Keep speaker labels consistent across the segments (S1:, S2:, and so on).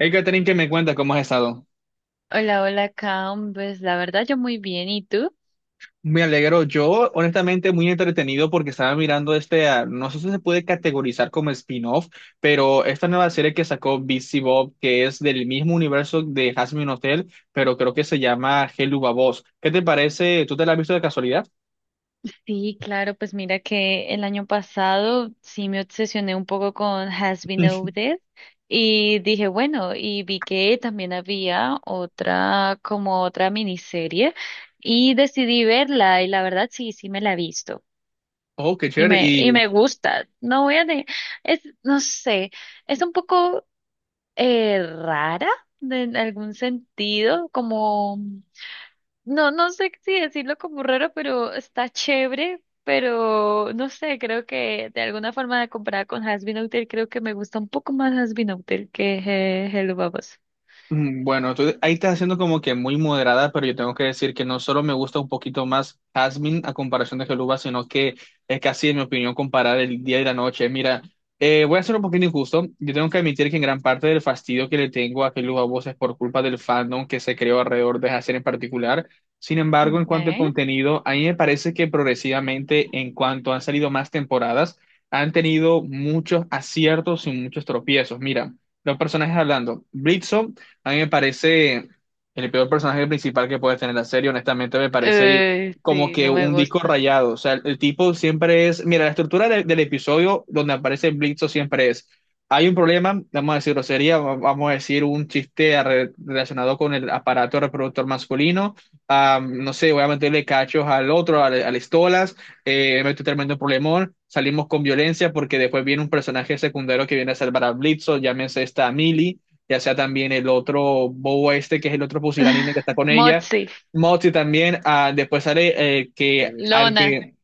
S1: Hey, Catherine, ¿qué me cuentas? ¿Cómo has estado?
S2: Hola, hola, Cam. Pues la verdad yo muy bien. ¿Y tú?
S1: Me alegro. Yo, honestamente, muy entretenido porque estaba mirando no sé si se puede categorizar como spin-off, pero esta nueva serie que sacó Busy Bob, que es del mismo universo de Hazbin Hotel, pero creo que se llama Helluva Boss. ¿Qué te parece? ¿Tú te la has visto de casualidad?
S2: Sí, claro, pues mira que el año pasado sí me obsesioné un poco con Has Been Noted y dije, bueno, y vi que también había otra, como otra miniserie y decidí verla y la verdad sí, sí me la he visto
S1: Oh, qué
S2: y
S1: chévere.
S2: me, y
S1: ¿Y
S2: me gusta. No voy a de, es, no sé, es un poco rara en algún sentido, como... No, no sé si decirlo como raro, pero está chévere, pero no sé, creo que de alguna forma comparada con Has Been Hotel, creo que me gusta un poco más Has Been Hotel que Hello Babos.
S1: Mm, bueno, tú ahí estás haciendo como que muy moderada, pero yo tengo que decir que no solo me gusta un poquito más Jasmine a comparación de Geluba, sino que es casi, en mi opinión, comparar el día y la noche. Mira, voy a ser un poquito injusto. Yo tengo que admitir que en gran parte del fastidio que le tengo a Geluba Voz es por culpa del fandom que se creó alrededor de Jasmine en particular. Sin embargo, en cuanto al
S2: Okay.
S1: contenido, a mí me parece que progresivamente, en cuanto han salido más temporadas, han tenido muchos aciertos y muchos tropiezos. Mira. Los personajes hablando. Blitzo a mí me parece el peor personaje principal que puede tener la serie, honestamente me parece como
S2: Sí,
S1: que
S2: no me
S1: un disco
S2: gusta.
S1: rayado. O sea, el tipo siempre es, mira, la estructura del episodio donde aparece Blitzo siempre es, hay un problema, vamos a decirlo, sería, vamos a decir, un chiste relacionado con el aparato reproductor masculino. Ah, no sé, voy a meterle cachos al otro, al Estolas, meto un tremendo problemón. Salimos con violencia porque después viene un personaje secundario que viene a salvar a Blitzo, llámese esta Millie, ya sea también el otro Bobo este, que es el otro pusilánime que está con ella,
S2: Motsi,
S1: Moxie también. Ah, después sale que al
S2: Lona,
S1: que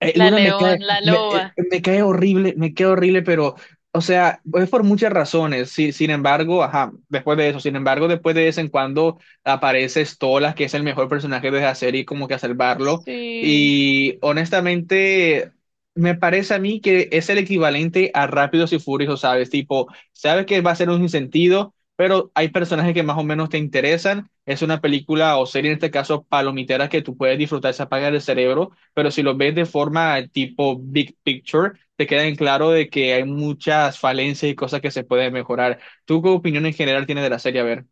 S2: la
S1: Luna me cae,
S2: león, la
S1: me,
S2: loba.
S1: me cae horrible, pero, o sea, es por muchas razones. Sí, sin embargo, ajá, después de eso, sin embargo, después de vez en cuando aparece Stolas, que es el mejor personaje de la serie, como que a salvarlo.
S2: Sí.
S1: Y honestamente, me parece a mí que es el equivalente a Rápidos y Furiosos, ¿sabes? Tipo, sabes que va a ser un sinsentido, pero hay personajes que más o menos te interesan. Es una película o serie, en este caso, palomitera, que tú puedes disfrutar, se apaga el cerebro, pero si los ves de forma tipo big picture, te queda en claro de que hay muchas falencias y cosas que se pueden mejorar. ¿Tú qué opinión en general tienes de la serie? A ver.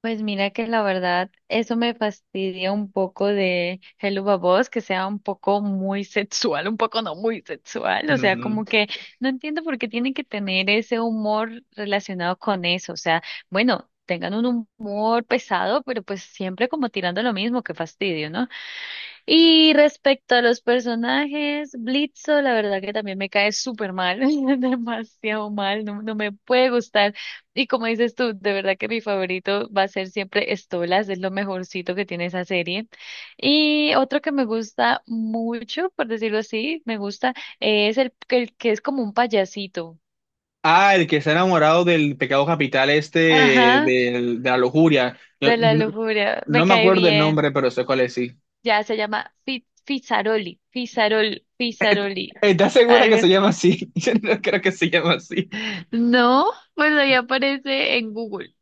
S2: Pues mira que la verdad, eso me fastidia un poco de Hello Babos, que sea un poco muy sexual, un poco no muy sexual, o sea,
S1: Ujú.
S2: como que no entiendo por qué tienen que tener ese humor relacionado con eso, o sea, bueno, tengan un humor pesado, pero pues siempre como tirando lo mismo, qué fastidio, ¿no? Y respecto a los personajes, Blitzo, la verdad que también me cae súper mal, demasiado mal, no, no me puede gustar. Y como dices tú, de verdad que mi favorito va a ser siempre Stolas, es lo mejorcito que tiene esa serie. Y otro que me gusta mucho, por decirlo así, me gusta, es el que es como un payasito.
S1: Ah, el que está enamorado del pecado capital este
S2: Ajá,
S1: de la lujuria. Yo...
S2: de la
S1: no,
S2: lujuria, me
S1: no me
S2: cae
S1: acuerdo el
S2: bien.
S1: nombre, pero sé cuál es, sí.
S2: Ya se llama Fizaroli, Fizarol, Fizaroli.
S1: ¿Estás segura que se llama así? Yo no creo que se llama así.
S2: No, pues ahí aparece en Google.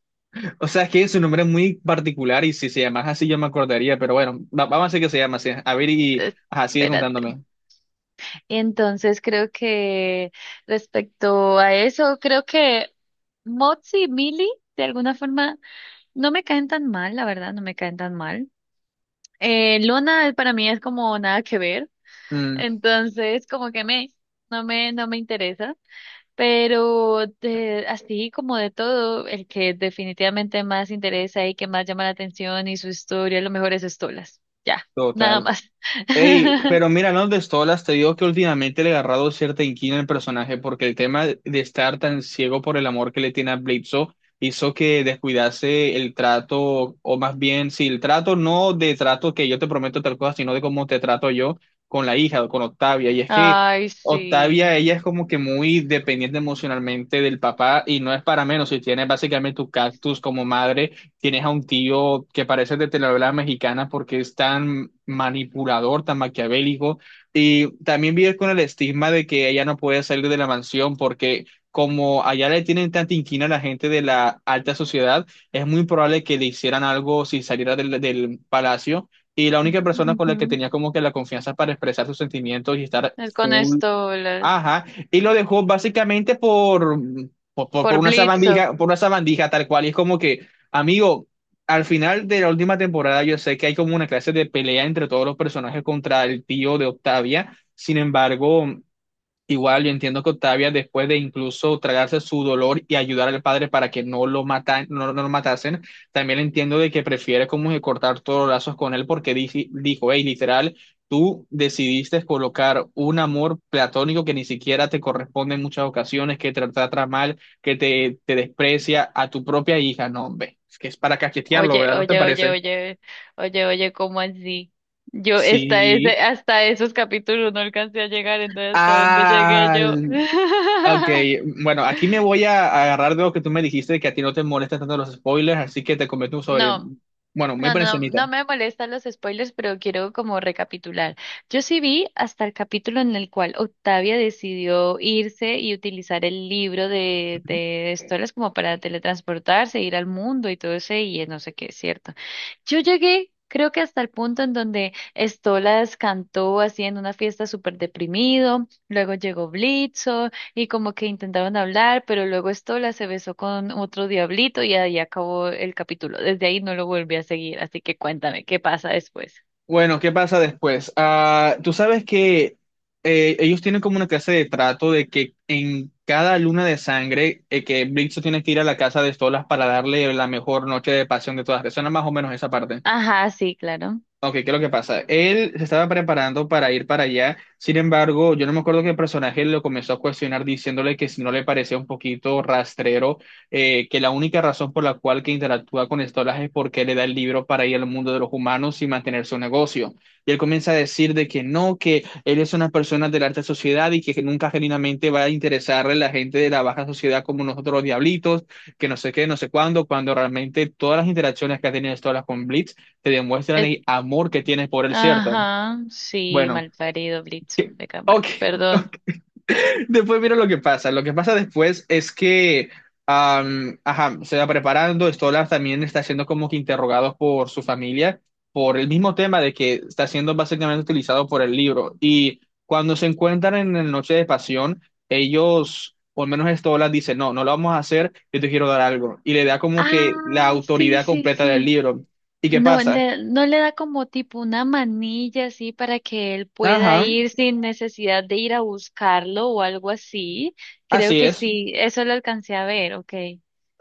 S1: O sea, es que su nombre es muy particular y si se llamase así yo me acordaría, pero bueno, vamos a decir que se llama así. A ver y... Ajá, sigue
S2: Espérate.
S1: contándome.
S2: Entonces creo que respecto a eso, creo que Mozzi y Millie de alguna forma no me caen tan mal, la verdad, no me caen tan mal. Luna para mí es como nada que ver,
S1: Mm,
S2: entonces no no me interesa. Pero así como de todo, el que definitivamente más interesa y que más llama la atención y su historia, lo mejor es Estolas. Ya, nada
S1: total.
S2: más.
S1: Ey, pero mira, no de Stolas, te digo que últimamente le he agarrado cierta inquina al personaje porque el tema de estar tan ciego por el amor que le tiene a Bledsoe hizo que descuidase el trato, o más bien, si el trato no de trato que yo te prometo tal cosa, sino de cómo te trato yo con la hija, con Octavia. Y es que
S2: Ay, sí.
S1: Octavia, ella es como que muy dependiente emocionalmente del papá y no es para menos si tiene básicamente tu cactus como madre. Tienes a un tío que parece de telenovela mexicana porque es tan manipulador, tan maquiavélico. Y también vive con el estigma de que ella no puede salir de la mansión porque como allá le tienen tanta inquina a la gente de la alta sociedad, es muy probable que le hicieran algo si saliera del palacio. Y la única persona con la que
S2: Ujú.
S1: tenía como que la confianza para expresar sus sentimientos y estar
S2: Es con
S1: full.
S2: estolas.
S1: Ajá, y lo dejó básicamente por, por
S2: Por
S1: una
S2: Blitzo.
S1: sabandija, por una sabandija tal cual. Y es como que, amigo, al final de la última temporada yo sé que hay como una clase de pelea entre todos los personajes contra el tío de Octavia. Sin embargo, igual yo entiendo que Octavia, después de incluso tragarse su dolor y ayudar al padre para que no lo no lo matasen, también entiendo de que prefiere como que cortar todos los lazos con él porque dijo, hey, literal, tú decidiste colocar un amor platónico que ni siquiera te corresponde en muchas ocasiones, que te trata mal, que te desprecia a tu propia hija. No, hombre, es que es para cachetearlo,
S2: Oye,
S1: ¿verdad? ¿No te
S2: oye, oye,
S1: parece?
S2: oye, oye, oye, ¿cómo así? Yo
S1: Sí.
S2: hasta esos capítulos no alcancé a llegar, entonces hasta dónde llegué
S1: Ah,
S2: yo.
S1: ok, bueno, aquí me voy a agarrar de lo que tú me dijiste, que a ti no te molestan tanto los spoilers, así que te comento un sobre,
S2: No,
S1: bueno, muy
S2: no,
S1: por
S2: no,
S1: encimita.
S2: no me molestan los spoilers, pero quiero como recapitular. Yo sí vi hasta el capítulo en el cual Octavia decidió irse y utilizar el libro
S1: Ujú.
S2: de Stolas como para teletransportarse, ir al mundo y todo ese, y no sé qué, es cierto. Yo llegué, creo que hasta el punto en donde Stolas cantó así en una fiesta súper deprimido, luego llegó Blitzo, y como que intentaron hablar, pero luego Estola se besó con otro diablito y ahí acabó el capítulo. Desde ahí no lo volví a seguir, así que cuéntame, ¿qué pasa después?
S1: Bueno, ¿qué pasa después? Ah, tú sabes que ellos tienen como una clase de trato de que en cada luna de sangre, que Blitzo tiene que ir a la casa de Stolas para darle la mejor noche de pasión de todas. ¿Te suena más o menos esa parte?
S2: Ajá, sí, claro.
S1: Ok, ¿qué es lo que pasa? Él se estaba preparando para ir para allá, sin embargo, yo no me acuerdo que el personaje lo comenzó a cuestionar diciéndole que si no le parecía un poquito rastrero, que la única razón por la cual que interactúa con Stolas es porque le da el libro para ir al mundo de los humanos y mantener su negocio. Y él comienza a decir de que no, que él es una persona de la alta sociedad y que nunca genuinamente va a interesarle a la gente de la baja sociedad como nosotros los diablitos, que no sé qué, no sé cuándo, cuando realmente todas las interacciones que ha tenido Stolas con Blitz te demuestran
S2: Es-
S1: el amor que tienes por él, ¿cierto?
S2: ajá, sí,
S1: Bueno,
S2: malparido Blitzo
S1: que...
S2: de
S1: ok,
S2: Camargo, perdón.
S1: después mira lo que pasa. Lo que pasa después es que, ajá, se va preparando, Stolar también está siendo como que interrogado por su familia por el mismo tema de que está siendo básicamente utilizado por el libro. Y cuando se encuentran en la noche de pasión, ellos... O al menos Stolar dice, no, no lo vamos a hacer, yo te quiero dar algo. Y le da como
S2: Ah,
S1: que la
S2: sí,
S1: autoridad
S2: sí,
S1: completa del
S2: sí.
S1: libro. ¿Y qué pasa?
S2: No le da como tipo una manilla así para que él pueda
S1: Ajá,
S2: ir sin necesidad de ir a buscarlo o algo así. Creo
S1: así
S2: que
S1: es.
S2: sí, eso lo alcancé a ver, ok.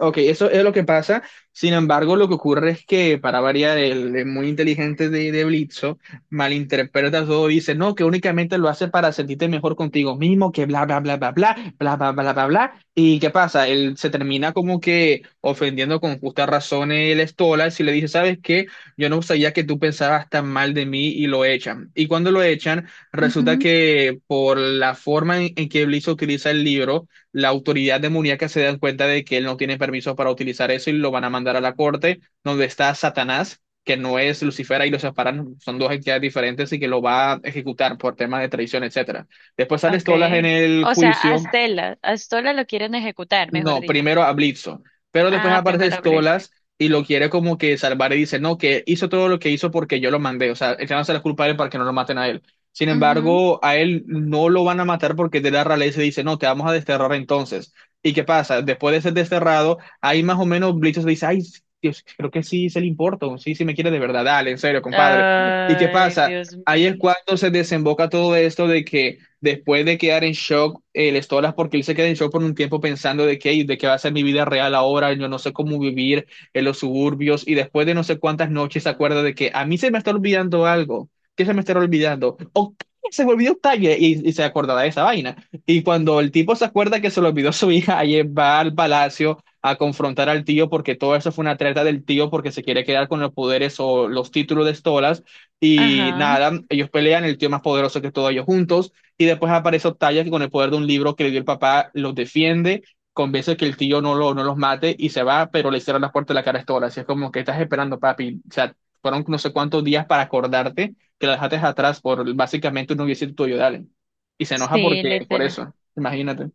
S1: Ok, eso es lo que pasa. Sin embargo, lo que ocurre es que, para variar, el muy inteligente de Blitzo malinterpreta todo y dice, no, que únicamente lo hace para sentirte mejor contigo mismo, que bla, bla, bla, bla, bla, bla, bla, bla, bla, bla. ¿Y qué pasa? Él se termina como que ofendiendo con justa razón el Stolas y le dice, ¿sabes qué? Yo no sabía que tú pensabas tan mal de mí y lo echan. Y cuando lo echan, resulta que por la forma en que Blitzo utiliza el libro, la autoridad demoníaca se dan cuenta de que él no tiene permiso para utilizar eso y lo van a mandar a la corte, donde está Satanás, que no es Lucifer y los separan, son dos entidades diferentes y que lo va a ejecutar por temas de traición, etcétera. Después sale Stolas en
S2: Okay.
S1: el
S2: O sea,
S1: juicio,
S2: A Stella lo quieren ejecutar, mejor
S1: no,
S2: dicho.
S1: primero a Bledsoe, pero después
S2: Ah,
S1: aparece
S2: primero Blitz.
S1: Stolas y lo quiere como que salvar y dice, no, que hizo todo lo que hizo porque yo lo mandé, o sea, el no se la culpa a él para que no lo maten a él. Sin
S2: Ujú.
S1: embargo, a él no lo van a matar porque de la realeza dice, no, te vamos a desterrar entonces. ¿Y qué pasa? Después de ser desterrado, ahí más o menos Bledsoe se dice, ay, Dios, creo que sí se le importa, sí, sí me quiere de verdad, dale, en serio, compadre. ¿Y qué
S2: Ay,
S1: pasa?
S2: Dios
S1: Ahí es
S2: mío.
S1: cuando se desemboca todo esto de que después de quedar en shock, les todas porque él se queda en shock por un tiempo pensando de que, de qué va a ser mi vida real ahora, yo no sé cómo vivir en los suburbios, y después de no sé cuántas noches se acuerda de que a mí se me está olvidando algo, que se me está olvidando, o se me olvidó Octavia, y se acordaba de esa vaina. Y cuando el tipo se acuerda que se le olvidó su hija, ayer va al palacio a confrontar al tío porque todo eso fue una treta del tío porque se quiere quedar con los poderes o los títulos de Stolas y
S2: Ajá.
S1: nada, ellos pelean, el tío más poderoso que todos ellos juntos y después aparece Octavia que con el poder de un libro que le dio el papá los defiende, convence que el tío no, lo, no los mate y se va, pero le hicieron las puertas de la cara a Stola. Así es como que estás esperando, papi. O sea, fueron no sé cuántos días para acordarte que la dejaste atrás por básicamente un noviecito tuyo de Allen. Y se enoja
S2: Sí,
S1: porque, por
S2: literal.
S1: eso, imagínate.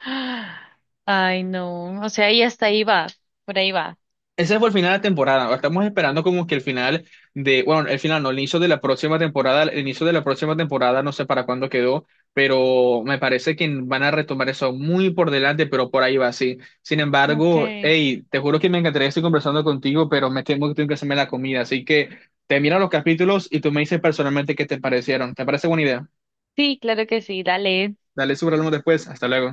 S2: Ah, ay, no. O sea, y hasta ahí va. Por ahí va.
S1: Ese fue el final de la temporada. Estamos esperando como que el final de, bueno, el final no, el inicio de la próxima temporada, el inicio de la próxima temporada, no sé para cuándo quedó, pero me parece que van a retomar eso muy por delante, pero por ahí va así. Sin embargo,
S2: Okay.
S1: hey, te juro que me encantaría estar conversando contigo, pero me temo que tengo que hacerme la comida, así que te miro los capítulos y tú me dices personalmente qué te parecieron. ¿Te parece buena idea?
S2: Sí, claro que sí. Dale.
S1: Dale, súbralo después. Hasta luego.